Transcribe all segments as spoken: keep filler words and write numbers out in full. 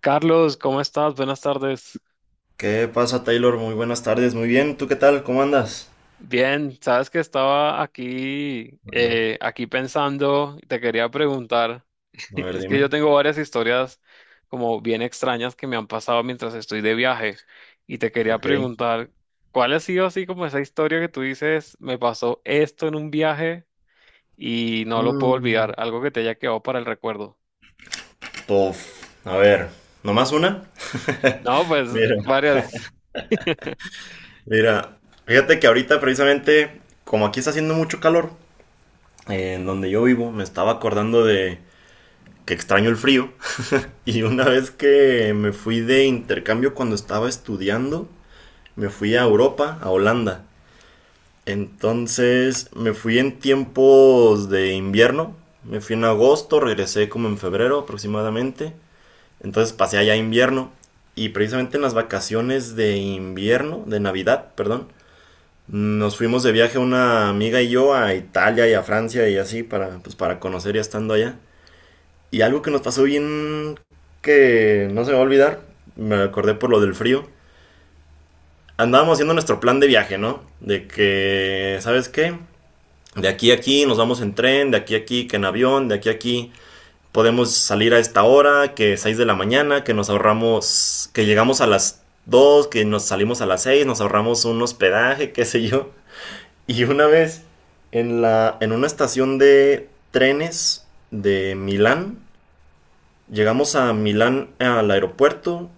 Carlos, ¿cómo estás? Buenas tardes. ¿Qué pasa, Taylor? Muy buenas tardes. Muy bien. ¿Tú qué tal? ¿Cómo andas? Bien, sabes que estaba aquí, Bueno, eh, aquí pensando, y te quería preguntar, a ver, es que yo dime. tengo varias historias como bien extrañas que me han pasado mientras estoy de viaje y te quería Ok. preguntar, ¿cuál ha sido así como esa historia que tú dices, me pasó esto en un viaje y no lo puedo olvidar, Mm. algo que te haya quedado para el recuerdo? Tof. A ver, ¿nomás una? No, pues Mira, varias. mira. Fíjate que ahorita precisamente, como aquí está haciendo mucho calor, eh, en donde yo vivo, me estaba acordando de que extraño el frío. Y una vez que me fui de intercambio cuando estaba estudiando, me fui a Europa, a Holanda. Entonces me fui en tiempos de invierno. Me fui en agosto, regresé como en febrero aproximadamente. Entonces pasé allá invierno. Y precisamente en las vacaciones de invierno, de Navidad, perdón, nos fuimos de viaje una amiga y yo a Italia y a Francia y así para, pues, para conocer ya estando allá. Y algo que nos pasó bien que no se me va a olvidar, me acordé por lo del frío. Andábamos haciendo nuestro plan de viaje, ¿no? De que, ¿sabes qué? De aquí a aquí nos vamos en tren, de aquí a aquí que en avión, de aquí a aquí podemos salir a esta hora, que seis de la mañana, que nos ahorramos, que llegamos a las dos, que nos salimos a las seis, nos ahorramos un hospedaje, qué sé yo. Y una vez en la en una estación de trenes de Milán, llegamos a Milán al aeropuerto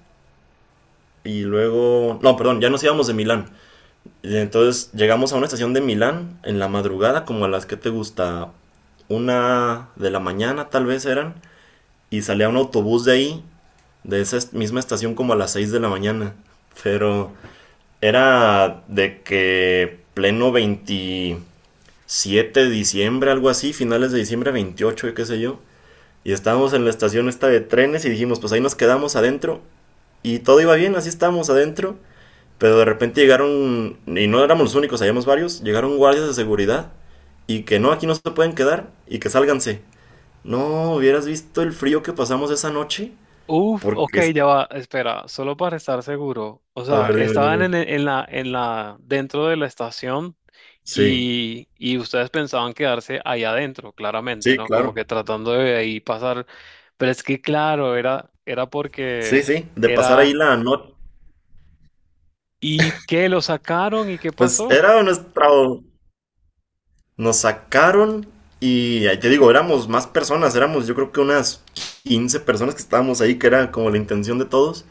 y luego no, perdón, ya nos íbamos de Milán. Y entonces llegamos a una estación de Milán en la madrugada, como a las que te gusta, una de la mañana tal vez eran, y salía un autobús de ahí, de esa est- misma estación como a las seis de la mañana. Pero era de que pleno veintisiete de diciembre, algo así, finales de diciembre veintiocho y qué sé yo. Y estábamos en la estación esta de trenes y dijimos, pues ahí nos quedamos adentro. Y todo iba bien, así estábamos adentro. Pero de repente llegaron, y no éramos los únicos, habíamos varios, llegaron guardias de seguridad y que no, aquí no se pueden quedar y que sálganse. No, hubieras visto el frío que pasamos esa noche. Uf, ok, Porque, es- ya va, espera, solo para estar seguro. O a sea, ver, dime, estaban dime. en, el- en la, en la, dentro de la estación Sí, y, y ustedes pensaban quedarse ahí adentro, claramente, sí, ¿no? Como claro. que tratando de ahí pasar. Pero es que, claro, era, era Sí, porque sí, de pasar ahí era. la noche. ¿Y qué? ¿Lo sacaron? ¿Y qué Pues pasó? era nuestro... Nos sacaron y ahí te digo, éramos más personas, éramos yo creo que unas quince personas que estábamos ahí, que era como la intención de todos.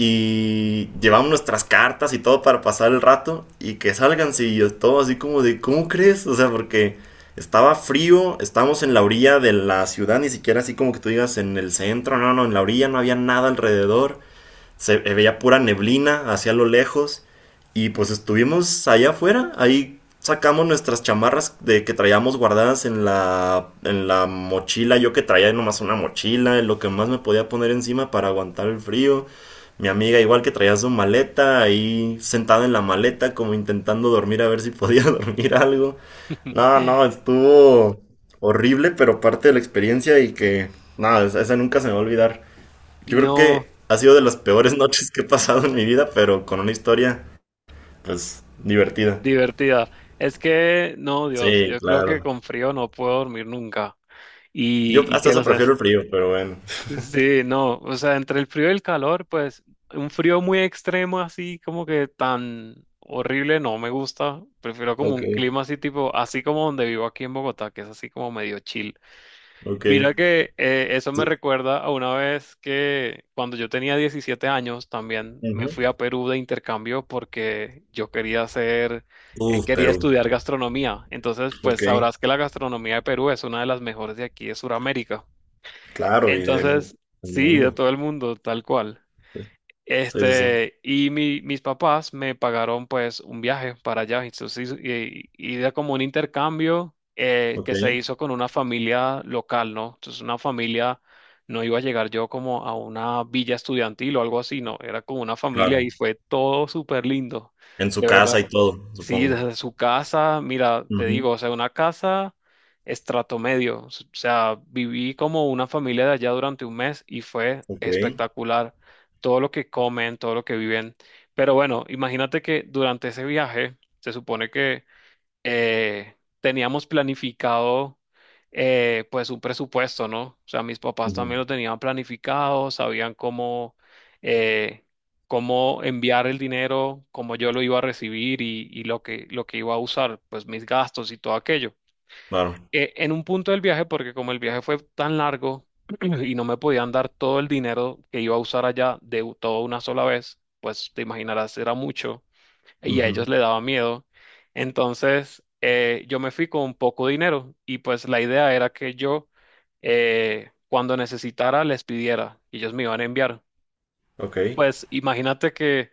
Y llevamos nuestras cartas y todo para pasar el rato y que salgan sí yo todo así como de ¿cómo crees? O sea, porque estaba frío, estábamos en la orilla de la ciudad, ni siquiera así como que tú digas en el centro, no, no, en la orilla no había nada alrededor, se veía pura neblina hacia lo lejos. Y pues estuvimos allá afuera, ahí sacamos nuestras chamarras de que traíamos guardadas en la en la mochila, yo que traía nomás una mochila, lo que más me podía poner encima para aguantar el frío. Mi amiga igual, que traía su maleta, ahí sentada en la maleta como intentando dormir, a ver si podía dormir algo. No, no, estuvo horrible, pero parte de la experiencia. Y que nada, esa nunca se me va a olvidar. Yo creo No, que ha sido de las peores noches que he pasado en mi vida, pero con una historia, pues, divertida. divertida. Es que, no, Dios, Sí, yo creo que claro. con frío no puedo dormir nunca. Yo ¿Y, y hasta qué lo eso sé? prefiero el frío, pero bueno. Sí, no, o sea, entre el frío y el calor, pues un frío muy extremo así como que tan horrible no me gusta, prefiero como Ok, un clima así tipo, así como donde vivo aquí en Bogotá, que es así como medio chill. ok. Mira que eh, eso me Tú- recuerda a una vez que cuando yo tenía diecisiete años también me ujú. fui a Perú de intercambio porque yo quería hacer, eh, Uf, quería Perú. estudiar gastronomía, entonces pues Ok, sabrás que la gastronomía de Perú es una de las mejores de aquí de Sudamérica. claro, y de mu- Entonces, del sí, de mundo. todo el mundo, tal cual. Sí, sí, sí. Este, y mi- mis papás me pagaron pues un viaje para allá. Entonces, y, y era como un intercambio eh, Ok, que se hizo con una familia local, ¿no? Entonces, una familia, no iba a llegar yo como a una villa estudiantil o algo así, no, era como una familia y claro. fue todo súper lindo. En su De verdad. casa y todo, Sí, supongo. desde su casa, mira, te Ujú. digo, o sea, una casa estrato medio. O sea, viví como una familia de allá durante un mes y fue Ok, espectacular. Todo lo que comen, todo lo que viven. Pero bueno, imagínate que durante ese viaje, se supone que eh, teníamos planificado eh, pues un presupuesto, ¿no? O sea, mis papás ujú. también lo tenían planificado, sabían cómo, eh, cómo enviar el dinero, cómo yo lo iba a recibir y, y lo que, lo que iba a usar, pues mis gastos y todo aquello. Claro. Eh, en un punto del viaje, porque como el viaje fue tan largo y no me podían dar todo el dinero que iba a usar allá de u- todo una sola vez, pues te imaginarás, era mucho y a Ujú. ellos le daba miedo. Entonces, eh, yo me fui con poco dinero y pues la idea era que yo, eh, cuando necesitara, les pidiera y ellos me iban a enviar. Ok. Pues imagínate que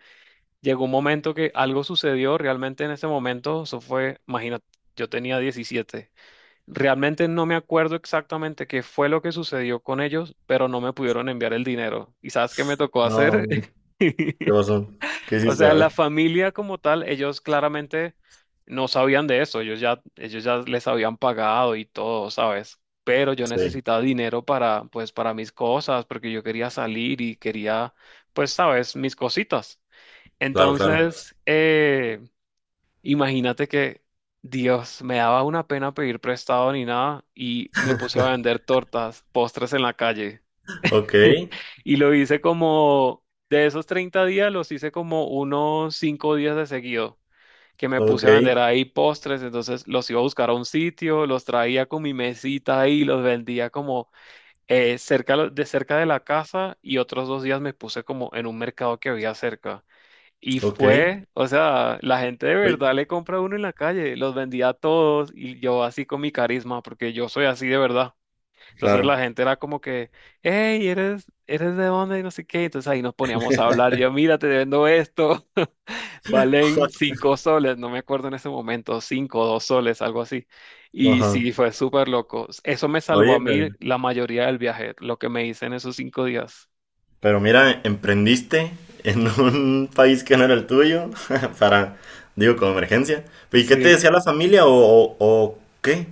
llegó un momento que algo sucedió realmente en ese momento, eso fue, imagínate, yo tenía diecisiete. Realmente no me acuerdo exactamente qué fue lo que sucedió con ellos, pero no me pudieron enviar el dinero. ¿Y sabes qué me tocó hacer? No, ¿qué pasó? ¿Qué O hiciste? sea, A la ver. familia como tal, ellos claramente no sabían de eso, ellos ya, ellos ya les habían pagado y todo, ¿sabes? Pero yo Sí, necesitaba dinero para, pues, para mis cosas, porque yo quería salir y quería, pues, ¿sabes? Mis cositas. Claro. claro, claro. Entonces, eh, imagínate que, Dios, me daba una pena pedir prestado ni nada y me puse a vender tortas, postres en la calle. Ok, Y lo hice como, de esos treinta días, los hice como unos cinco días de seguido que me ok. puse a vender ahí postres, entonces los iba a buscar a un sitio, los traía con mi mesita ahí, los vendía como eh, cerca lo- de cerca de la casa y otros dos días me puse como en un mercado que había cerca. Y Ok. fue, o sea, la gente de Oye. verdad le compra a uno en la calle, los vendía a todos y yo así con mi carisma, porque yo soy así de verdad. Entonces Claro. la gente era como que, hey, ¿eres, eres de dónde? Y no sé qué. Entonces ahí nos poníamos a hablar, yo, mira, te vendo esto. Valen cinco soles, no me acuerdo en ese momento, cinco o dos soles, algo así. Y Ajá. sí, fue súper loco. Eso me salvó Oye, a mí pero, la mayoría del viaje, lo que me hice en esos cinco días. pero mira, emprendiste en un país que no era el tuyo para, digo, como emergencia. ¿Y qué te Sí. decía la familia o, o, o qué?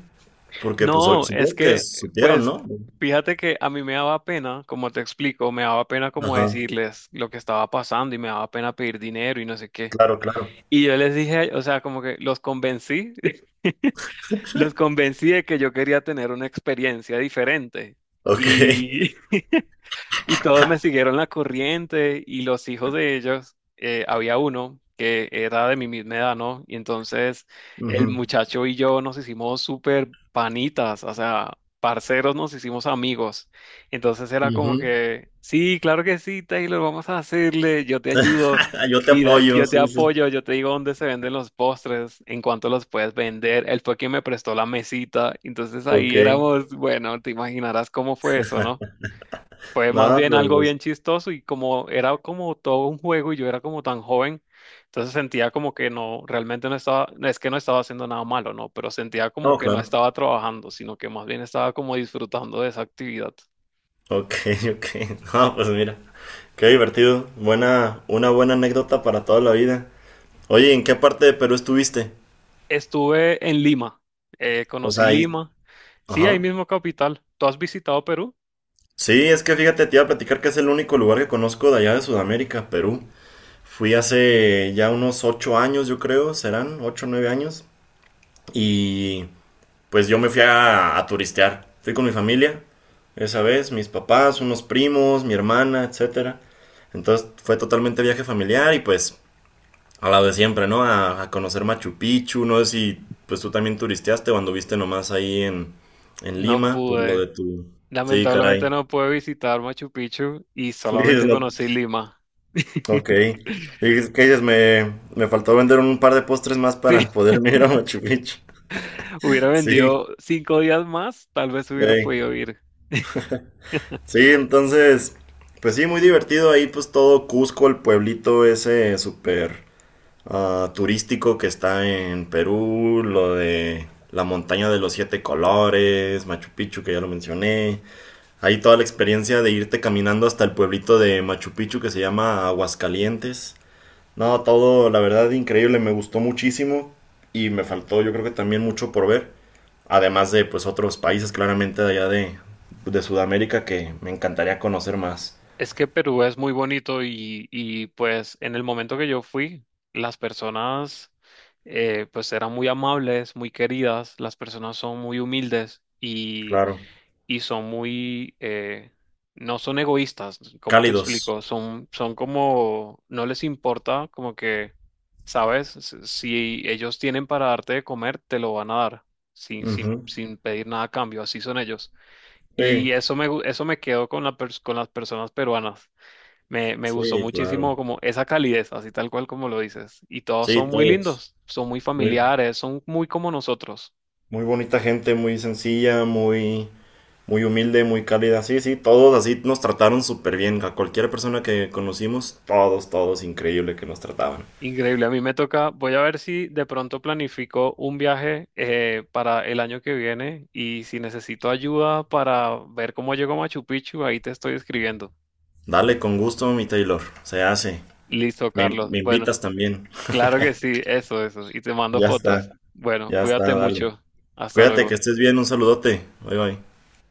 Porque pues o- No, es supongo que que, supieron, pues, ¿no? fíjate que a mí me daba pena, como te explico, me daba pena como Ajá. decirles lo que estaba pasando y me daba pena pedir dinero y no sé qué. Claro, claro. Y yo les dije, o sea, como que los convencí, los convencí de que yo quería tener una experiencia diferente. Ok. Y Y todos me siguieron la corriente y los hijos de ellos, eh, había uno que era de mi misma edad, ¿no? Y entonces Ujú, el muchacho y yo nos hicimos súper panitas, o sea, parceros, nos hicimos amigos. Entonces era como ujú. que, sí, claro que sí, Taylor, vamos a hacerle, yo te ayudo, Yo te Gira, apoyo, yo te sí, sí. apoyo, yo te digo dónde se venden los postres, en cuánto los puedes vender. Él fue quien me prestó la mesita, entonces Ok. ahí éramos, bueno, te imaginarás cómo fue eso, ¿no? Fue más Nada, bien pero algo pues. bien chistoso y como era como todo un juego y yo era como tan joven, entonces sentía como que no, realmente no estaba, no es que no estaba haciendo nada malo, no, pero sentía como No, que no claro. estaba trabajando, sino que más bien estaba como disfrutando de esa actividad. Ok, ok. No, pues mira. Qué divertido. Buena, una buena anécdota para toda la vida. Oye, ¿en qué parte de Perú estuviste? Estuve en Lima, eh, O conocí sea, ahí. Lima, sí, ahí Ajá. mismo capital. ¿Tú has visitado Perú? Sí, es que fíjate, te iba a platicar que es el único lugar que conozco de allá de Sudamérica, Perú. Fui hace ya unos ocho años, yo creo, serán ocho o nueve años. Y pues yo me fui a, a turistear. Fui con mi familia, esa vez, mis papás, unos primos, mi hermana, etcétera. Entonces fue totalmente viaje familiar y pues a la de siempre, ¿no? A, a conocer Machu Picchu, no sé si pues tú también turisteaste o anduviste nomás ahí en, en No Lima por lo pude, de tu... Sí, lamentablemente caray. no pude visitar Machu Picchu y Dices, solamente no. conocí Lima. Ok. Dices, ¿qué dices? Me, me faltó vender un par de postres más Sí. para poder ir a Machu Picchu. Hubiera Sí, vendido cinco días más, tal vez hubiera ey. podido ir. Sí, entonces, pues sí, muy divertido ahí, pues todo Cusco, el pueblito ese súper... uh, turístico, que está en Perú, lo de la montaña de los siete colores, Machu Picchu, que ya lo mencioné. Ahí toda la experiencia de irte caminando hasta el pueblito de Machu Picchu, que se llama Aguascalientes. No, todo, la verdad, increíble, me gustó muchísimo y me faltó, yo creo que también, mucho por ver. Además de, pues, otros países claramente de allá de, de Sudamérica que me encantaría conocer más. Es que Perú es muy bonito y, y, pues en el momento que yo fui, las personas eh, pues eran muy amables, muy queridas, las personas son muy humildes Claro. y son muy, eh, no son egoístas, ¿cómo te Cálidos. explico? Son, son como, no les importa, como que, ¿sabes? Si si ellos tienen para darte de comer, te lo van a dar, sin, sin, Ujú. sin pedir nada a cambio, así son ellos. Sí. Y eso me, gu- eso me quedó con la pers- con las personas peruanas. Me, me gustó Sí, claro. muchísimo como esa calidez, así tal cual como lo dices. Y todos Sí, son muy todos. lindos, son muy Muy, familiares, son muy como nosotros. muy bonita gente, muy sencilla, muy, muy humilde, muy cálida. Sí, sí, todos así nos trataron súper bien. A cualquier persona que conocimos, todos, todos, increíble que nos trataban. Increíble, a mí me toca, voy a ver si de pronto planifico un viaje eh, para el año que viene y si necesito ayuda para ver cómo llego a Machu Picchu, ahí te estoy escribiendo. Dale, con gusto, mi Taylor. Se hace. Listo, Me, Carlos. me Bueno, invitas también. claro que sí, eso, eso. Y te mando Ya fotos. está, Bueno, ya está, cuídate dale. mucho. Hasta Cuídate, que luego. estés bien. Un saludote. Bye, bye.